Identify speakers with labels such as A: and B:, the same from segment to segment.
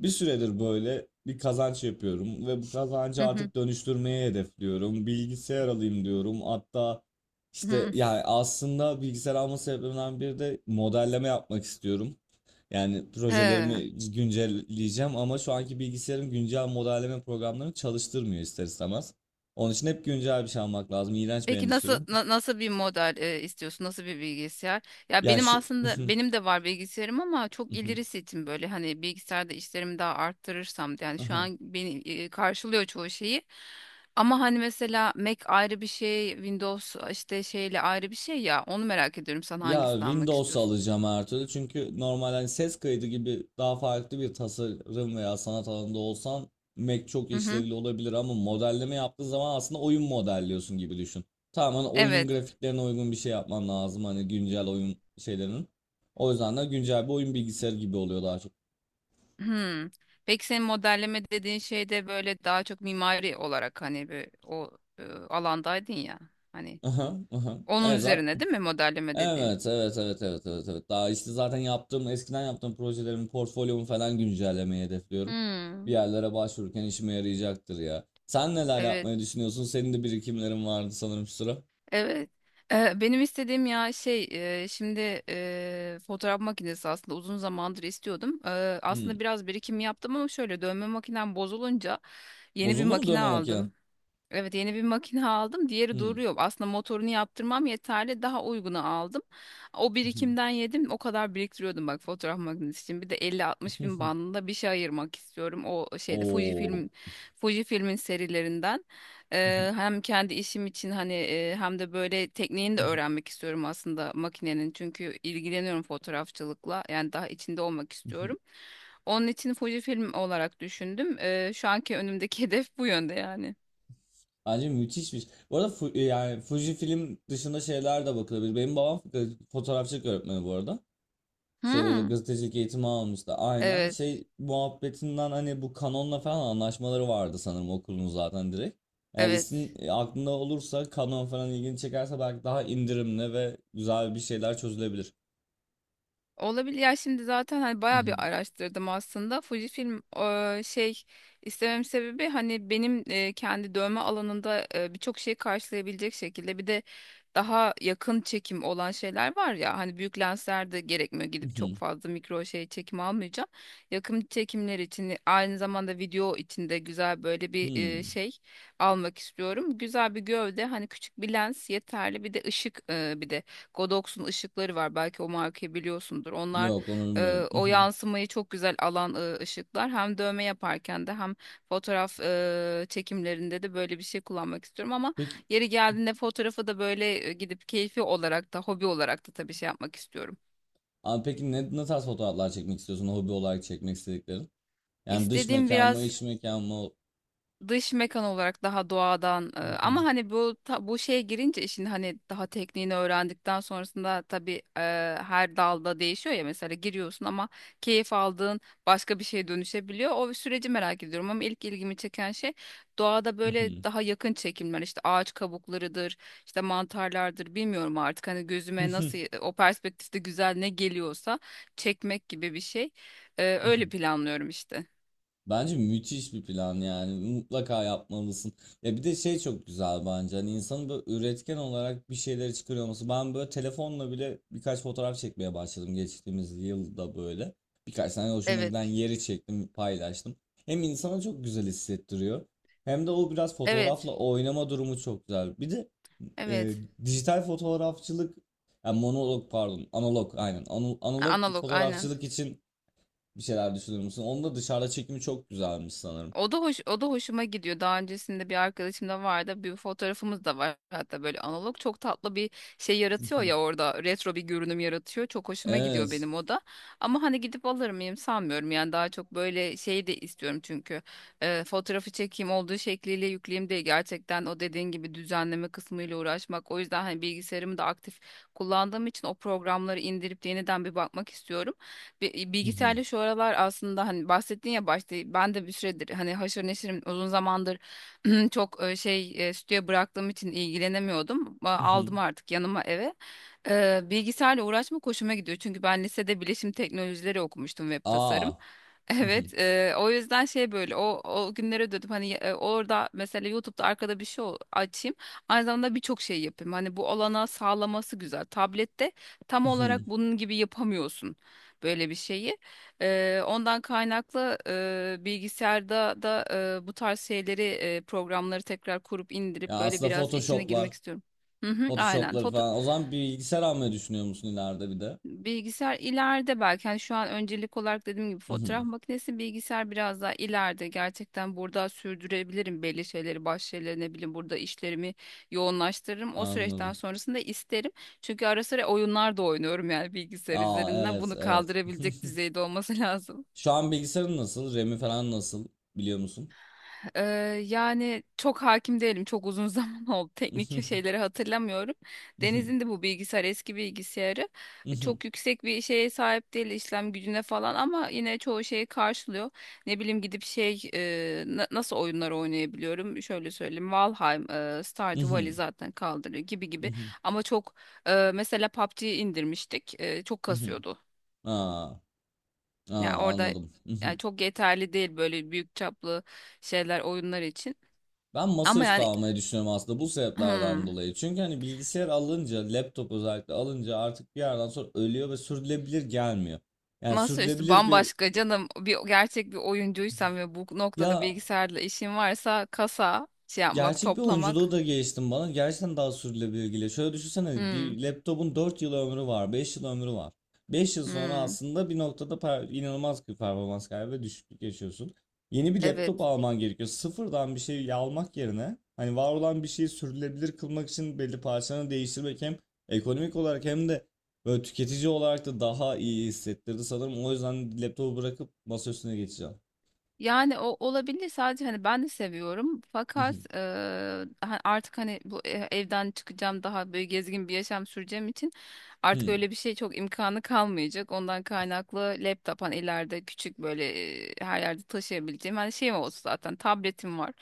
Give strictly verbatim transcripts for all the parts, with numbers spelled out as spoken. A: Bir süredir böyle bir kazanç yapıyorum ve bu
B: Hı
A: kazancı
B: hı.
A: artık dönüştürmeye hedefliyorum. Bilgisayar alayım diyorum. Hatta işte
B: Hı.
A: yani aslında bilgisayar alma sebeplerimden biri de modelleme yapmak istiyorum. Yani
B: He.
A: projelerimi güncelleyeceğim ama şu anki bilgisayarım güncel modelleme programlarını çalıştırmıyor ister istemez. Onun için hep güncel bir şey almak lazım. İğrenç bir
B: Peki nasıl
A: endüstri.
B: na- nasıl bir model e, istiyorsun? Nasıl bir bilgisayar? Ya
A: Ya
B: benim
A: şu...
B: aslında benim de var bilgisayarım, ama çok ileri setim böyle hani bilgisayarda işlerimi daha arttırırsam. Yani şu an beni e, karşılıyor çoğu şeyi. Ama hani mesela Mac ayrı bir şey, Windows işte şeyle ayrı bir şey ya. Onu merak ediyorum. Sen
A: Ya
B: hangisini almak
A: Windows
B: istiyorsun?
A: alacağım her türlü çünkü normal hani ses kaydı gibi daha farklı bir tasarım veya sanat alanında olsan Mac çok
B: Hı hı.
A: işlevli olabilir ama modelleme yaptığın zaman aslında oyun modelliyorsun gibi düşün. Tamamen oyunun
B: Evet.
A: grafiklerine uygun bir şey yapman lazım hani güncel oyun şeylerinin. O yüzden de güncel bir oyun bilgisayarı gibi oluyor daha çok.
B: Hmm. Peki senin modelleme dediğin şey de böyle daha çok mimari olarak, hani bir o e, alandaydın ya. Hani
A: Aha, aha.
B: onun
A: Evet
B: üzerine
A: zaten
B: değil mi modelleme dediğin?
A: evet, evet, evet, evet, evet, evet. Daha işte zaten yaptığım, eskiden yaptığım projelerin portfolyomu falan güncellemeyi hedefliyorum. Bir
B: Hmm.
A: yerlere başvururken işime yarayacaktır ya. Sen neler
B: Evet,
A: yapmayı düşünüyorsun? Senin de birikimlerin vardı sanırım şu sıra.
B: evet. Ee, benim istediğim ya şey e, şimdi e, fotoğraf makinesi aslında uzun zamandır istiyordum. Ee, aslında
A: Hmm.
B: biraz birikim yaptım, ama şöyle dövme makinem bozulunca yeni bir
A: Bozuldu mu
B: makine
A: dövme makinen?
B: aldım. Evet, yeni bir makine aldım. Diğeri
A: Hmm.
B: duruyor. Aslında motorunu yaptırmam yeterli. Daha uygunu aldım. O birikimden yedim. O kadar biriktiriyordum, bak, fotoğraf makinesi için. Bir de elli altmış bin bandında bir şey ayırmak istiyorum. O şeyde Fuji
A: Oo.
B: film, Fuji filmin serilerinden. Ee, hem kendi işim için, hani e, hem de böyle tekniğini de öğrenmek istiyorum aslında makinenin. Çünkü ilgileniyorum fotoğrafçılıkla. Yani daha içinde olmak istiyorum. Onun için Fuji film olarak düşündüm. Ee, şu anki önümdeki hedef bu yönde yani.
A: Bence müthişmiş. Bu arada Fu- yani Fuji film dışında şeyler de bakılabilir. Benim babam fotoğrafçılık öğretmeni bu arada. Şeyde de
B: Hmm,
A: gazetecilik eğitimi almıştı. Aynen.
B: evet,
A: Şey muhabbetinden hani bu kanonla falan anlaşmaları vardı sanırım okulun zaten direkt. Eğer isim
B: evet.
A: e, aklında olursa kanon falan ilgini çekerse belki daha indirimli ve güzel bir şeyler çözülebilir.
B: Olabilir. Ya şimdi zaten hani
A: Hı
B: bayağı
A: hı.
B: bir araştırdım aslında. Fujifilm e, şey istemem sebebi, hani benim e, kendi dövme alanında e, birçok şeyi karşılayabilecek şekilde. Bir de daha yakın çekim olan şeyler var ya, hani büyük lensler de gerekmiyor,
A: Hı
B: gidip çok
A: hı.
B: fazla mikro şey çekim almayacağım. Yakın çekimler için, aynı zamanda video için de güzel böyle bir e,
A: Hmm.
B: şey almak istiyorum. Güzel bir gövde, hani küçük bir lens yeterli, bir de ışık e, bir de. Godox'un ışıkları var. Belki o markayı biliyorsundur. Onlar
A: Yok onu
B: e,
A: bilmiyorum.
B: o
A: Mhm.
B: yansımayı çok güzel alan e, ışıklar. Hem dövme yaparken de, hem fotoğraf e, çekimlerinde de böyle bir şey kullanmak istiyorum, ama
A: Peki,
B: yeri geldiğinde fotoğrafı da böyle e, gidip keyfi olarak da, hobi olarak da tabii şey yapmak istiyorum.
A: aa, peki ne, ne tarz fotoğraflar çekmek istiyorsun hobi olarak çekmek istediklerin? Yani dış
B: İstediğim
A: mekan mı
B: biraz
A: iç mekan mı?
B: dış mekan olarak, daha doğadan e, ama
A: Mhm,
B: hani bu ta- bu şeye girince, işin hani daha tekniğini öğrendikten sonrasında tabii e, her dalda değişiyor ya. Mesela giriyorsun, ama keyif aldığın başka bir şeye dönüşebiliyor. O süreci merak ediyorum, ama ilk ilgimi çeken şey doğada böyle
A: mhm,
B: daha yakın çekimler, işte ağaç kabuklarıdır, işte mantarlardır, bilmiyorum artık hani gözüme nasıl
A: mhm,
B: o perspektifte güzel ne geliyorsa çekmek gibi bir şey. E, öyle
A: mhm.
B: planlıyorum işte.
A: Bence müthiş bir plan yani mutlaka yapmalısın. Ya bir de şey çok güzel bence hani insanın böyle üretken olarak bir şeyleri çıkarıyor olması. Ben böyle telefonla bile birkaç fotoğraf çekmeye başladım geçtiğimiz yılda böyle. Birkaç tane hoşuma
B: Evet.
A: giden yeri çektim paylaştım. Hem insana çok güzel hissettiriyor hem de o biraz
B: Evet.
A: fotoğrafla oynama durumu çok güzel. Bir de e,
B: Evet.
A: dijital fotoğrafçılık yani monolog pardon analog aynen Ana-
B: Ha,
A: analog
B: analog aynen.
A: fotoğrafçılık için bir şeyler düşünür müsün? Onun da dışarıda çekimi çok güzelmiş sanırım.
B: O da hoş, o da hoşuma gidiyor. Daha öncesinde bir arkadaşım da vardı. Bir fotoğrafımız da var. Hatta böyle analog çok tatlı bir şey yaratıyor ya orada. Retro bir görünüm yaratıyor. Çok hoşuma gidiyor
A: Evet.
B: benim o da. Ama hani gidip alır mıyım, sanmıyorum. Yani daha çok böyle şey de istiyorum çünkü. Ee, fotoğrafı çekeyim olduğu şekliyle, yükleyeyim diye gerçekten, o dediğin gibi düzenleme kısmıyla uğraşmak. O yüzden hani bilgisayarımı da aktif kullandığım için, o programları indirip yeniden bir bakmak istiyorum. Bi- Bilgisayarda şu aralar aslında, hani bahsettin ya başta, ben de bir süredir hani haşır neşirim uzun zamandır. Çok e, şey e, stüdyo bıraktığım için ilgilenemiyordum. A- Aldım artık yanıma eve. Ee, Bilgisayarla uğraşmak hoşuma gidiyor, çünkü ben lisede bilişim teknolojileri okumuştum, web tasarım.
A: Aa.
B: Evet, e, o yüzden şey böyle o o günlere dönüp, hani e, orada mesela YouTube'da arkada bir şey o- açayım. Aynı zamanda birçok şey yapayım. Hani bu olanağı sağlaması güzel. Tablette tam olarak bunun gibi yapamıyorsun böyle bir şeyi. Eee, ondan kaynaklı, eee, bilgisayarda da, eee, bu tarz şeyleri, eee, programları tekrar kurup
A: Ya
B: indirip böyle
A: aslında
B: biraz içine girmek
A: Photoshop'lar,
B: istiyorum. Hı hı, aynen.
A: Photoshop'ları
B: Foto
A: falan. O zaman bir bilgisayar almayı düşünüyor musun ileride bir de?
B: bilgisayar ileride belki, hani şu an öncelik olarak dediğim gibi fotoğraf makinesi, bilgisayar biraz daha ileride. Gerçekten burada sürdürebilirim belli şeyleri, baş şeyleri, ne bileyim, burada işlerimi yoğunlaştırırım. O süreçten
A: Anladım.
B: sonrasında isterim. Çünkü ara sıra oyunlar da oynuyorum yani bilgisayar
A: Aa,
B: üzerinden.
A: evet,
B: Bunu
A: evet.
B: kaldırabilecek düzeyde olması lazım.
A: Şu an bilgisayarın nasıl? R A M'i falan nasıl? Biliyor musun?
B: Ee, yani çok hakim değilim. Çok uzun zaman oldu. Teknik şeyleri hatırlamıyorum. Deniz'in de bu bilgisayar, eski bilgisayarı. Çok yüksek bir şeye sahip değil işlem gücüne falan, ama yine çoğu şeyi karşılıyor. Ne bileyim gidip şey, e, na- nasıl oyunlar oynayabiliyorum? Şöyle söyleyeyim. Valheim, e, Stardew Valley zaten kaldırıyor gibi gibi. Ama çok e, mesela P U B G'yi indirmiştik. E, çok kasıyordu.
A: Aa,
B: Yani
A: aa,
B: orada
A: anladım.
B: yani çok yeterli değil böyle büyük çaplı şeyler, oyunlar için.
A: Ben
B: Ama
A: masaüstü
B: yani.
A: almayı düşünüyorum aslında bu sebeplerden
B: Hmm.
A: dolayı. Çünkü hani bilgisayar alınca, laptop özellikle alınca artık bir yerden sonra ölüyor ve sürdürülebilir gelmiyor. Yani
B: Masaüstü
A: sürdürülebilir bir
B: bambaşka canım. Bir gerçek bir oyuncuysan ve bu noktada
A: ya,
B: bilgisayarla işin varsa, kasa şey yapmak,
A: gerçek bir oyunculuğu
B: toplamak.
A: da geliştim bana. Gerçekten daha sürdürülebilir geliyor. Şöyle düşünsene
B: Hmm.
A: bir laptopun dört yıl ömrü var, beş yıl ömrü var. Beş yıl sonra
B: Hmm.
A: aslında bir noktada per- inanılmaz bir performans kaybı ve düşüklük yaşıyorsun. Yeni bir
B: Evet.
A: laptop alman gerekiyor. Sıfırdan bir şey almak yerine hani var olan bir şeyi sürdürülebilir kılmak için belli parçalarını değiştirmek hem ekonomik olarak hem de böyle tüketici olarak da daha iyi hissettirdi sanırım. O yüzden laptopu bırakıp masa üstüne geçeceğim.
B: Yani o olabilir sadece, hani ben de seviyorum, fakat eee, ha- artık hani bu e- evden çıkacağım, daha böyle gezgin bir yaşam süreceğim için artık öyle bir şey çok imkanı kalmayacak. Ondan kaynaklı laptop, hani ileride küçük böyle e, her yerde taşıyabileceğim hani şeyim olsun, zaten tabletim var.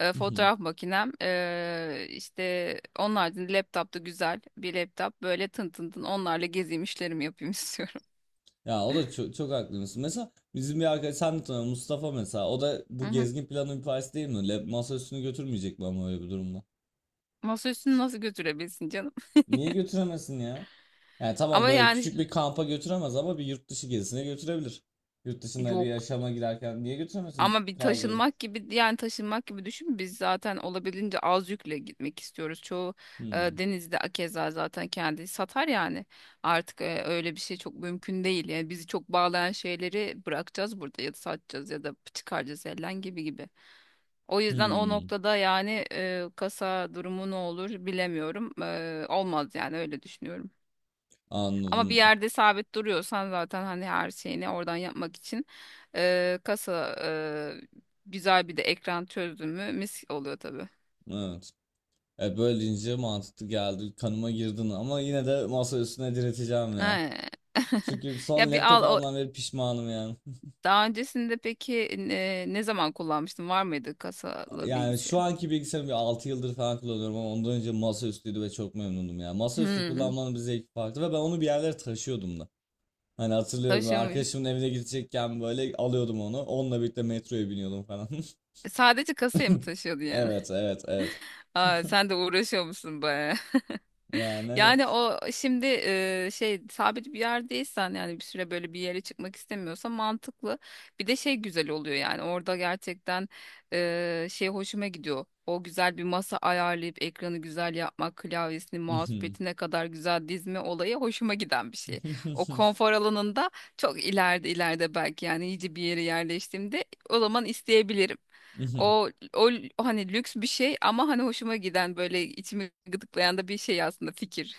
B: e, fotoğraf makinem e, işte onun haricinde laptop da, güzel bir laptop böyle, tın tın tın onlarla gezeyim, işlerimi yapayım istiyorum.
A: Ya o da çok, çok haklısın. Mesela bizim bir arkadaş sen de tanıyorsun, Mustafa mesela. O da
B: Hı
A: bu
B: hı.
A: gezgin planının bir parçası değil mi? Lab masa üstünü götürmeyecek mi ama öyle bir durumda?
B: Masaüstünü nasıl götürebilsin canım?
A: Niye götüremesin ya? Yani tamam
B: Ama
A: böyle
B: yani.
A: küçük bir kampa götüremez ama bir yurt dışı gezisine götürebilir. Yurt dışında bir
B: Yok.
A: yaşama girerken niye götüremesin
B: Ama bir
A: kargoyu?
B: taşınmak gibi, yani taşınmak gibi düşün. Biz zaten olabildiğince az yükle gitmek istiyoruz. Çoğu e,
A: Hmm.
B: denizde akeza zaten kendi satar yani. Artık e, öyle bir şey çok mümkün değil. Yani bizi çok bağlayan şeyleri bırakacağız burada, ya da satacağız, ya da çıkaracağız elden gibi gibi. O yüzden o
A: Hmm.
B: noktada yani, e, kasa durumu ne olur bilemiyorum. E, olmaz yani, öyle düşünüyorum. Ama bir
A: Anladım.
B: yerde sabit duruyorsan, zaten hani her şeyini oradan yapmak için, eee, kasa, eee, güzel, bir de ekran çözdün mü mis oluyor tabii.
A: Evet. E böyle deyince mantıklı geldi. Kanıma girdin ama yine de masa üstüne direteceğim ya.
B: Ee,
A: Çünkü son
B: Ya bir
A: laptop
B: al o,
A: almam ve pişmanım yani.
B: daha öncesinde peki e, ne zaman kullanmıştın? Var mıydı kasalı
A: Yani
B: bilgisayar?
A: şu anki bilgisayarımı bir altı yıldır falan kullanıyorum ama ondan önce masaüstüydü ve çok memnundum ya. Masaüstü
B: Hmm,
A: kullanmanın bir zevki farklı ve ben onu bir yerlere taşıyordum da. Hani hatırlıyorum böyle
B: taşıyor muydu?
A: arkadaşımın evine gidecekken böyle alıyordum onu. Onunla birlikte metroya biniyordum falan.
B: Sadece kasaya mı taşıyordu yani?
A: Evet, evet, evet.
B: Aa, sen de uğraşıyormuşsun musun?
A: Yani hani
B: Yani o şimdi e, şey sabit bir yerdeysen, yani bir süre böyle bir yere çıkmak istemiyorsa mantıklı. Bir de şey güzel oluyor yani, orada gerçekten e, şey hoşuma gidiyor. O güzel bir masa ayarlayıp ekranı güzel yapmak, klavyesini, mousepad'ine kadar güzel dizme olayı hoşuma giden bir şey. O konfor alanında çok ileride ileride belki, yani iyice bir yere yerleştiğimde o zaman isteyebilirim. O o l- hani lüks bir şey, ama hani hoşuma giden böyle içimi gıdıklayan da bir şey aslında fikir.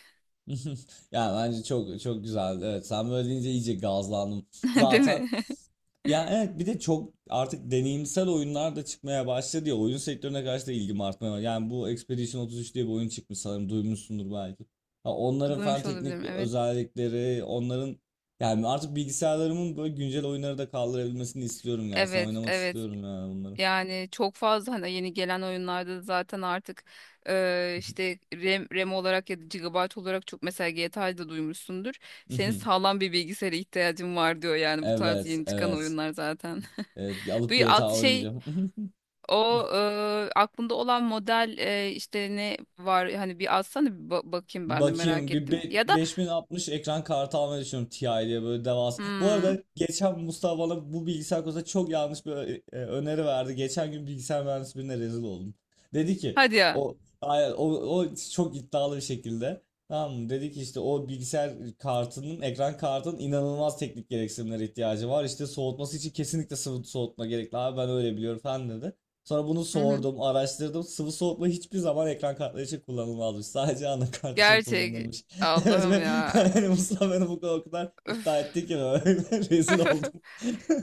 A: yani bence çok çok güzel. Evet, sen böyle deyince iyice gazlandım.
B: Değil
A: Zaten
B: mi?
A: ya evet bir de çok artık deneyimsel oyunlar da çıkmaya başladı ya oyun sektörüne karşı da ilgim artmaya başladı. Yani bu Expedition otuz üç diye bir oyun çıkmış sanırım duymuşsundur belki. Ha, onların falan
B: Duymuş olabilirim.
A: teknik
B: Evet.
A: özellikleri onların yani artık bilgisayarlarımın böyle güncel oyunları da kaldırabilmesini istiyorum gerçekten
B: Evet,
A: oynamak
B: evet.
A: istiyorum yani bunları.
B: Yani çok fazla hani yeni gelen oyunlarda da zaten artık e, işte RAM, RAM olarak ya da gigabyte olarak, çok mesela G T A'yı da duymuşsundur. Senin sağlam bir bilgisayara ihtiyacın var diyor yani, bu tarz
A: Evet,
B: yeni çıkan
A: evet,
B: oyunlar zaten.
A: evet,
B: Bu
A: alıp
B: at
A: G T A
B: şey.
A: oynayacağım.
B: O e, aklında olan model, e, işte ne var hani, bir alsana bir ba- bakayım, ben de
A: Bakayım
B: merak
A: bir
B: ettim.
A: be-
B: Ya da
A: beş bin altmış ekran kartı almayı düşünüyorum Ti diye böyle devasa. Bu
B: hmm,
A: arada geçen Mustafa bana bu bilgisayar konusunda çok yanlış bir ö- e, öneri verdi. Geçen gün bilgisayar mühendisi birine rezil oldum. Dedi ki
B: hadi ya.
A: o aynen, o, o çok iddialı bir şekilde. Tamam mı? Dedi ki işte o bilgisayar kartının ekran kartının inanılmaz teknik gereksinimlere ihtiyacı var. İşte soğutması için kesinlikle sıvı soğutma gerekli abi ben öyle biliyorum falan dedi. Sonra bunu
B: Hı hı.
A: sordum, araştırdım. Sıvı soğutma hiçbir zaman ekran kartları için kullanılmazmış. Sadece anakart için
B: Gerçek.
A: kullanılırmış. Evet
B: Allah'ım
A: ve
B: ya.
A: yani Mustafa beni bu kadar, o kadar iddia
B: Öf,
A: etti ki böyle rezil oldum.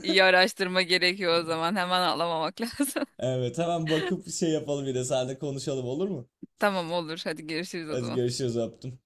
B: iyi araştırma gerekiyor o zaman. Hemen ağlamamak lazım.
A: Evet hemen bakıp şey yapalım bir de seninle konuşalım olur mu?
B: Tamam, olur. Hadi görüşürüz o
A: Hadi
B: zaman.
A: görüşürüz öptüm.